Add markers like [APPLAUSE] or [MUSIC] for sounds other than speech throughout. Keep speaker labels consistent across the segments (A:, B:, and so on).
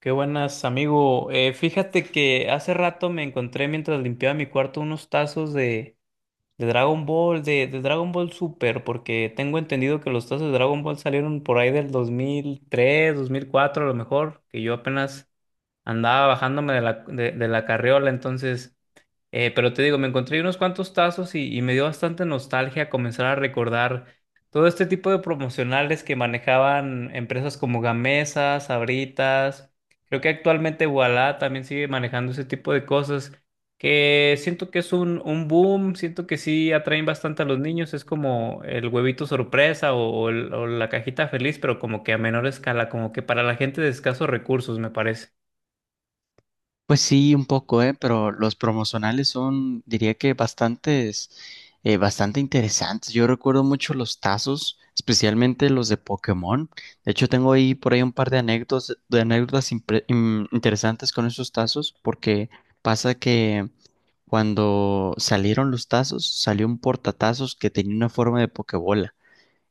A: Qué buenas, amigo. Fíjate que hace rato me encontré mientras limpiaba mi cuarto unos tazos de Dragon Ball, de Dragon Ball Super, porque tengo entendido que los tazos de Dragon Ball salieron por ahí del 2003 2004 a lo mejor, que yo apenas andaba bajándome de la carriola, pero te digo, me encontré unos cuantos tazos y me dio bastante nostalgia comenzar a recordar todo este tipo de promocionales que manejaban empresas como Gamesa, Sabritas. Creo que actualmente Ualá también sigue manejando ese tipo de cosas que siento que es un boom, siento que sí atraen bastante a los niños. Es como el huevito sorpresa o la cajita feliz, pero como que a menor escala, como que para la gente de escasos recursos, me parece.
B: Pues sí, un poco, ¿eh? Pero los promocionales son, diría que bastantes, bastante interesantes. Yo recuerdo mucho los tazos, especialmente los de Pokémon. De hecho, tengo ahí por ahí un par de anécdotas, de anécdotas interesantes con esos tazos, porque pasa que cuando salieron los tazos, salió un portatazos que tenía una forma de Pokébola.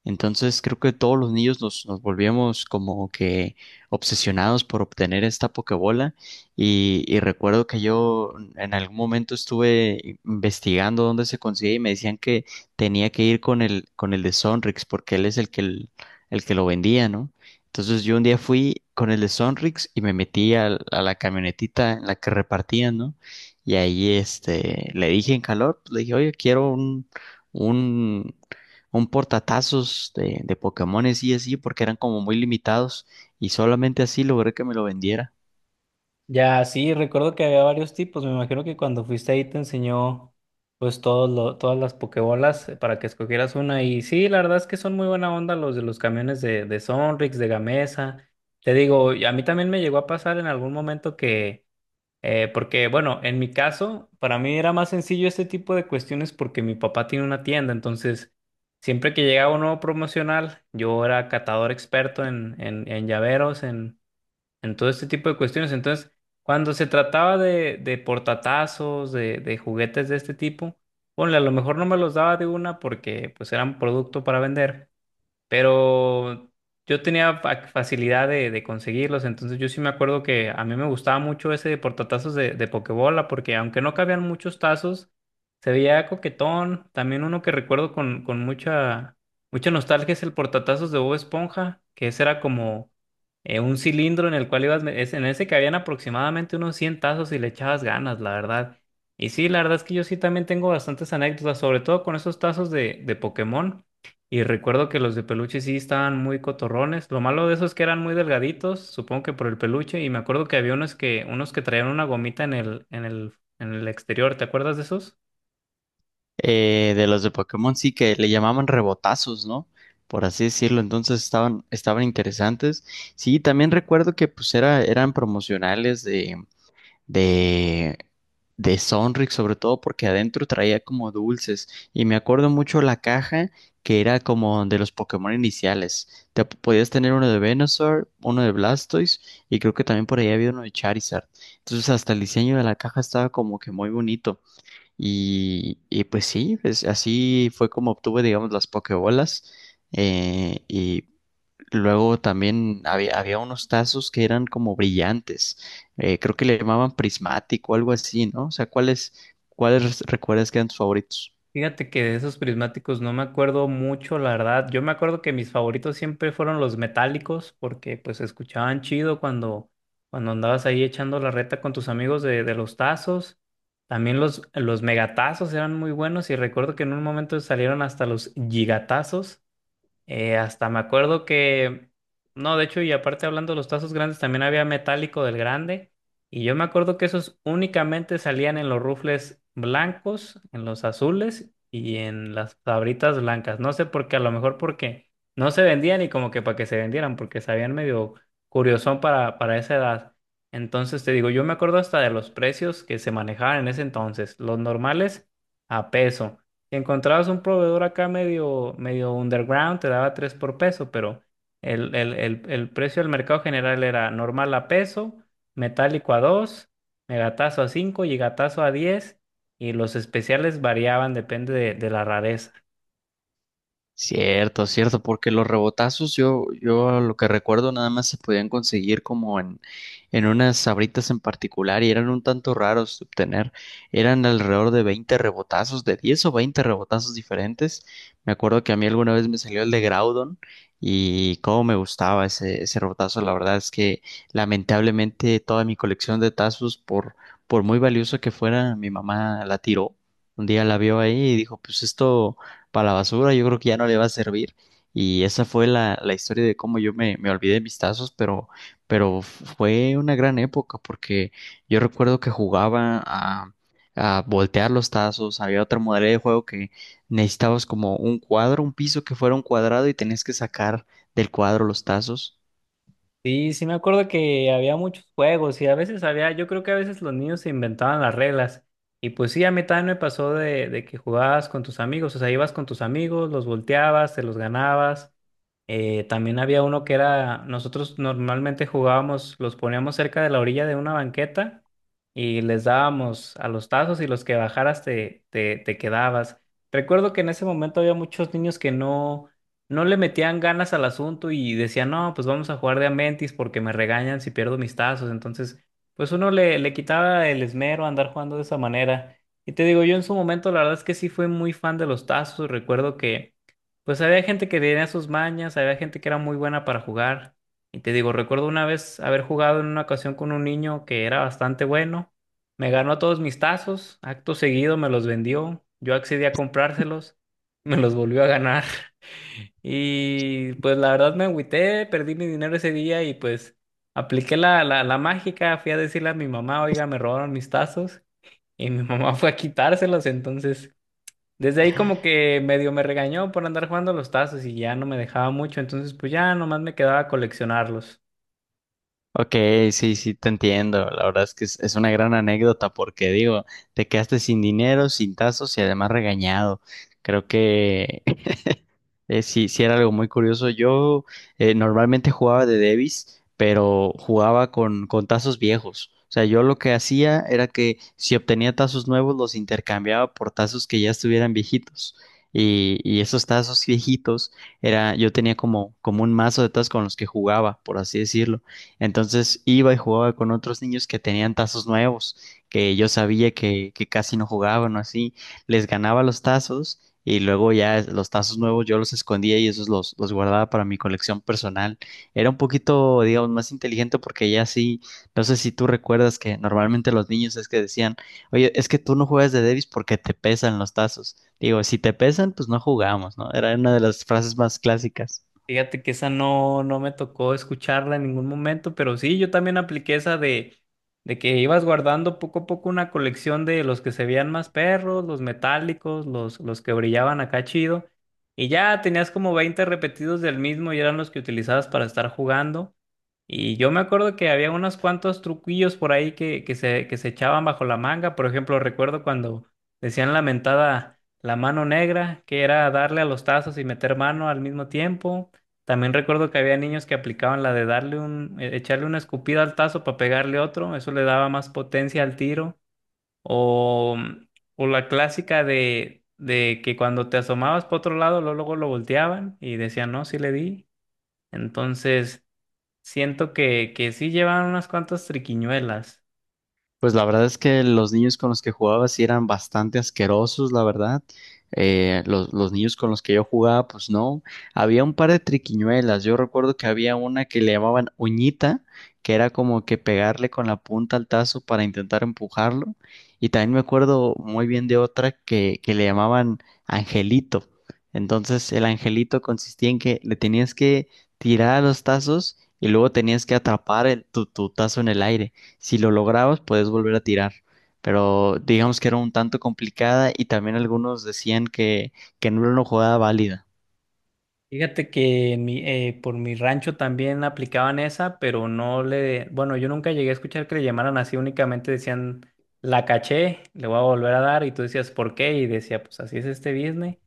B: Entonces creo que todos los niños nos volvíamos como que obsesionados por obtener esta Pokébola y recuerdo que yo en algún momento estuve investigando dónde se consigue y me decían que tenía que ir con con el de Sonrix porque él es el que lo vendía, ¿no? Entonces yo un día fui con el de Sonrix y me metí a la camionetita en la que repartían, ¿no? Y ahí este, le dije en calor, le dije, oye, quiero un un portatazos de Pokémones y así, porque eran como muy limitados y solamente así logré que me lo vendiera.
A: Ya, sí, recuerdo que había varios tipos. Me imagino que cuando fuiste ahí te enseñó pues todas las pokebolas para que escogieras una. Y sí, la verdad es que son muy buena onda los de los camiones de Sonrix, de Gamesa. Te digo, y a mí también me llegó a pasar en algún momento que, porque bueno, en mi caso, para mí era más sencillo este tipo de cuestiones porque mi papá tiene una tienda. Entonces, siempre que llegaba un nuevo promocional, yo era catador experto en llaveros, en todo este tipo de cuestiones. Entonces, cuando se trataba de portatazos, de juguetes de este tipo, ponle, a lo mejor no me los daba de una porque pues eran producto para vender, pero yo tenía facilidad de conseguirlos, entonces yo sí me acuerdo que a mí me gustaba mucho ese de portatazos de Pokebola, porque aunque no cabían muchos tazos, se veía coquetón. También uno que recuerdo con mucha nostalgia es el portatazos de Bob Esponja, que ese era como un cilindro en el cual ibas, en ese cabían aproximadamente unos 100 tazos y le echabas ganas, la verdad. Y sí, la verdad es que yo sí también tengo bastantes anécdotas, sobre todo con esos tazos de Pokémon. Y recuerdo que los de peluche sí estaban muy cotorrones. Lo malo de esos es que eran muy delgaditos, supongo que por el peluche. Y me acuerdo que había unos que traían una gomita en el exterior. ¿Te acuerdas de esos?
B: De los de Pokémon sí que le llamaban rebotazos, ¿no? Por así decirlo, entonces estaban, estaban interesantes. Sí, también recuerdo que pues era, eran promocionales de, de Sonrix, sobre todo porque adentro traía como dulces. Y me acuerdo mucho la caja que era como de los Pokémon iniciales. Podías tener uno de Venusaur, uno de Blastoise y creo que también por ahí había uno de Charizard. Entonces hasta el diseño de la caja estaba como que muy bonito. Y pues sí, pues así fue como obtuve, digamos, las Pokébolas. Eh, y Luego también había unos tazos que eran como brillantes. Creo que le llamaban prismático o algo así, ¿no? O sea, ¿cuáles recuerdas que eran tus favoritos?
A: Fíjate que de esos prismáticos no me acuerdo mucho, la verdad. Yo me acuerdo que mis favoritos siempre fueron los metálicos, porque pues se escuchaban chido cuando andabas ahí echando la reta con tus amigos de los tazos. También los megatazos eran muy buenos y recuerdo que en un momento salieron hasta los gigatazos. Hasta me acuerdo que, no, De hecho, y aparte hablando de los tazos grandes, también había metálico del grande. Y yo me acuerdo que esos únicamente salían en los rufles blancos, en los azules y en las sabritas blancas. No sé por qué, a lo mejor porque no se vendían y como que para que se vendieran, porque sabían medio curiosón para esa edad. Entonces te digo, yo me acuerdo hasta de los precios que se manejaban en ese entonces. Los normales a peso. Si encontrabas un proveedor acá medio underground, te daba 3 por peso, pero el precio del mercado general era normal a peso, metálico a 2, megatazo a 5 y gatazo a 10, y los especiales variaban, depende de la rareza.
B: Cierto, cierto, porque los rebotazos yo lo que recuerdo nada más se podían conseguir como en unas sabritas en particular y eran un tanto raros de obtener. Eran alrededor de 20 rebotazos, de 10 o 20 rebotazos diferentes. Me acuerdo que a mí alguna vez me salió el de Groudon y cómo me gustaba ese, ese rebotazo. La verdad es que lamentablemente toda mi colección de tazos, por muy valioso que fuera, mi mamá la tiró. Un día la vio ahí y dijo, pues esto para la basura, yo creo que ya no le va a servir. Y esa fue la historia de cómo yo me olvidé de mis tazos, pero fue una gran época porque yo recuerdo que jugaba a voltear los tazos, había otra modalidad de juego que necesitabas como un cuadro, un piso que fuera un cuadrado y tenías que sacar del cuadro los tazos.
A: Sí, sí me acuerdo que había muchos juegos y a veces había, yo creo que a veces los niños se inventaban las reglas. Y pues sí, a mí también me pasó de que jugabas con tus amigos, o sea, ibas con tus amigos, los volteabas, te los ganabas. También había uno que era, nosotros normalmente jugábamos, los poníamos cerca de la orilla de una banqueta y les dábamos a los tazos y los que bajaras te quedabas. Recuerdo que en ese momento había muchos niños que no le metían ganas al asunto y decían, no, pues vamos a jugar de a mentis porque me regañan si pierdo mis tazos. Entonces, pues uno le quitaba el esmero a andar jugando de esa manera. Y te digo, yo en su momento la verdad es que sí fui muy fan de los tazos. Recuerdo que... Pues había gente que tenía sus mañas, había gente que era muy buena para jugar. Y te digo, recuerdo una vez haber jugado en una ocasión con un niño que era bastante bueno. Me ganó todos mis tazos, acto seguido me los vendió, yo accedí a comprárselos, [LAUGHS] me los volvió a ganar. [LAUGHS] Y pues la verdad me agüité, perdí mi dinero ese día y pues apliqué la mágica, fui a decirle a mi mamá, oiga, me robaron mis tazos y mi [LAUGHS] mamá fue a quitárselos, entonces... Desde ahí como que medio me regañó por andar jugando los tazos y ya no me dejaba mucho, entonces pues ya nomás me quedaba a coleccionarlos.
B: Ok, sí, sí, te entiendo. La verdad es que es una gran anécdota porque digo, te quedaste sin dinero, sin tazos y además regañado. Creo que Sí, sí era algo muy curioso. Yo Normalmente jugaba de Davis, pero jugaba con tazos viejos. O sea, yo lo que hacía era que si obtenía tazos nuevos, los intercambiaba por tazos que ya estuvieran viejitos. Y esos tazos viejitos era, yo tenía como, como un mazo de tazos con los que jugaba, por así decirlo. Entonces iba y jugaba con otros niños que tenían tazos nuevos, que yo sabía que casi no jugaban o así. Les ganaba los tazos y luego los tazos nuevos yo los escondía y esos los guardaba para mi colección personal. Era un poquito, digamos, más inteligente porque ya sí, no sé si tú recuerdas que normalmente los niños es que decían, oye, es que tú no juegas de Davis porque te pesan los tazos. Digo, si te pesan, pues no jugamos, ¿no? Era una de las frases más clásicas.
A: Fíjate que esa no me tocó escucharla en ningún momento, pero sí, yo también apliqué esa de que ibas guardando poco a poco una colección de los que se veían más perros, los metálicos, los que brillaban acá chido, y ya tenías como 20 repetidos del mismo y eran los que utilizabas para estar jugando. Y yo me acuerdo que había unos cuantos truquillos por ahí que se echaban bajo la manga. Por ejemplo, recuerdo cuando decían la mentada la mano negra, que era darle a los tazos y meter mano al mismo tiempo. También recuerdo que había niños que aplicaban la de darle echarle una escupida al tazo para pegarle otro. Eso le daba más potencia al tiro. O, o la clásica de que cuando te asomabas para otro lado, luego luego lo volteaban y decían, no, sí le di. Entonces. Siento que sí llevan unas cuantas triquiñuelas.
B: Pues la verdad es que los niños con los que jugaba sí eran bastante asquerosos, la verdad. Los niños con los que yo jugaba, pues no. Había un par de triquiñuelas. Yo recuerdo que había una que le llamaban uñita, que era como que pegarle con la punta al tazo para intentar empujarlo. Y también me acuerdo muy bien de otra que le llamaban angelito. Entonces el angelito consistía en que le tenías que tirar a los tazos y luego tenías que atrapar tu tazo en el aire. Si lo lograbas, puedes volver a tirar. Pero digamos que era un tanto complicada y también algunos decían que no era una jugada válida.
A: Fíjate que en por mi rancho también aplicaban esa, pero no le, bueno, yo nunca llegué a escuchar que le llamaran así, únicamente decían, la caché, le voy a volver a dar, y tú decías, ¿por qué? Y decía, pues así es este business.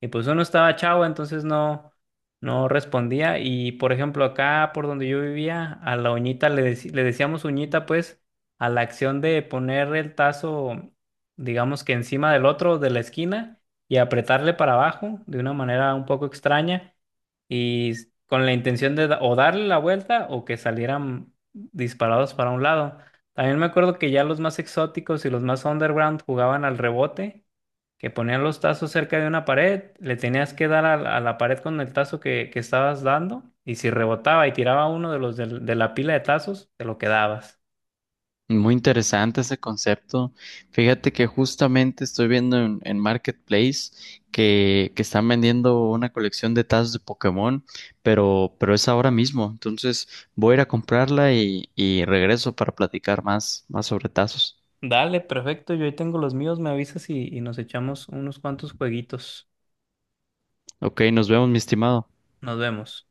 A: Y pues uno estaba chavo, entonces no respondía. Y por ejemplo, acá por donde yo vivía, a la uñita le decíamos uñita, pues, a la acción de poner el tazo, digamos que encima del otro de la esquina y apretarle para abajo de una manera un poco extraña y con la intención de o darle la vuelta o que salieran disparados para un lado. También me acuerdo que ya los más exóticos y los más underground jugaban al rebote, que ponían los tazos cerca de una pared, le tenías que dar a la pared con el tazo que estabas dando y si rebotaba y tiraba uno de la pila de tazos, te lo quedabas.
B: Muy interesante ese concepto. Fíjate que justamente estoy viendo en Marketplace que están vendiendo una colección de tazas de Pokémon, pero es ahora mismo. Entonces voy a ir a comprarla y regreso para platicar más, más sobre tazos.
A: Dale, perfecto, yo ahí tengo los míos, me avisas y nos echamos unos cuantos jueguitos.
B: Ok, nos vemos, mi estimado.
A: Nos vemos.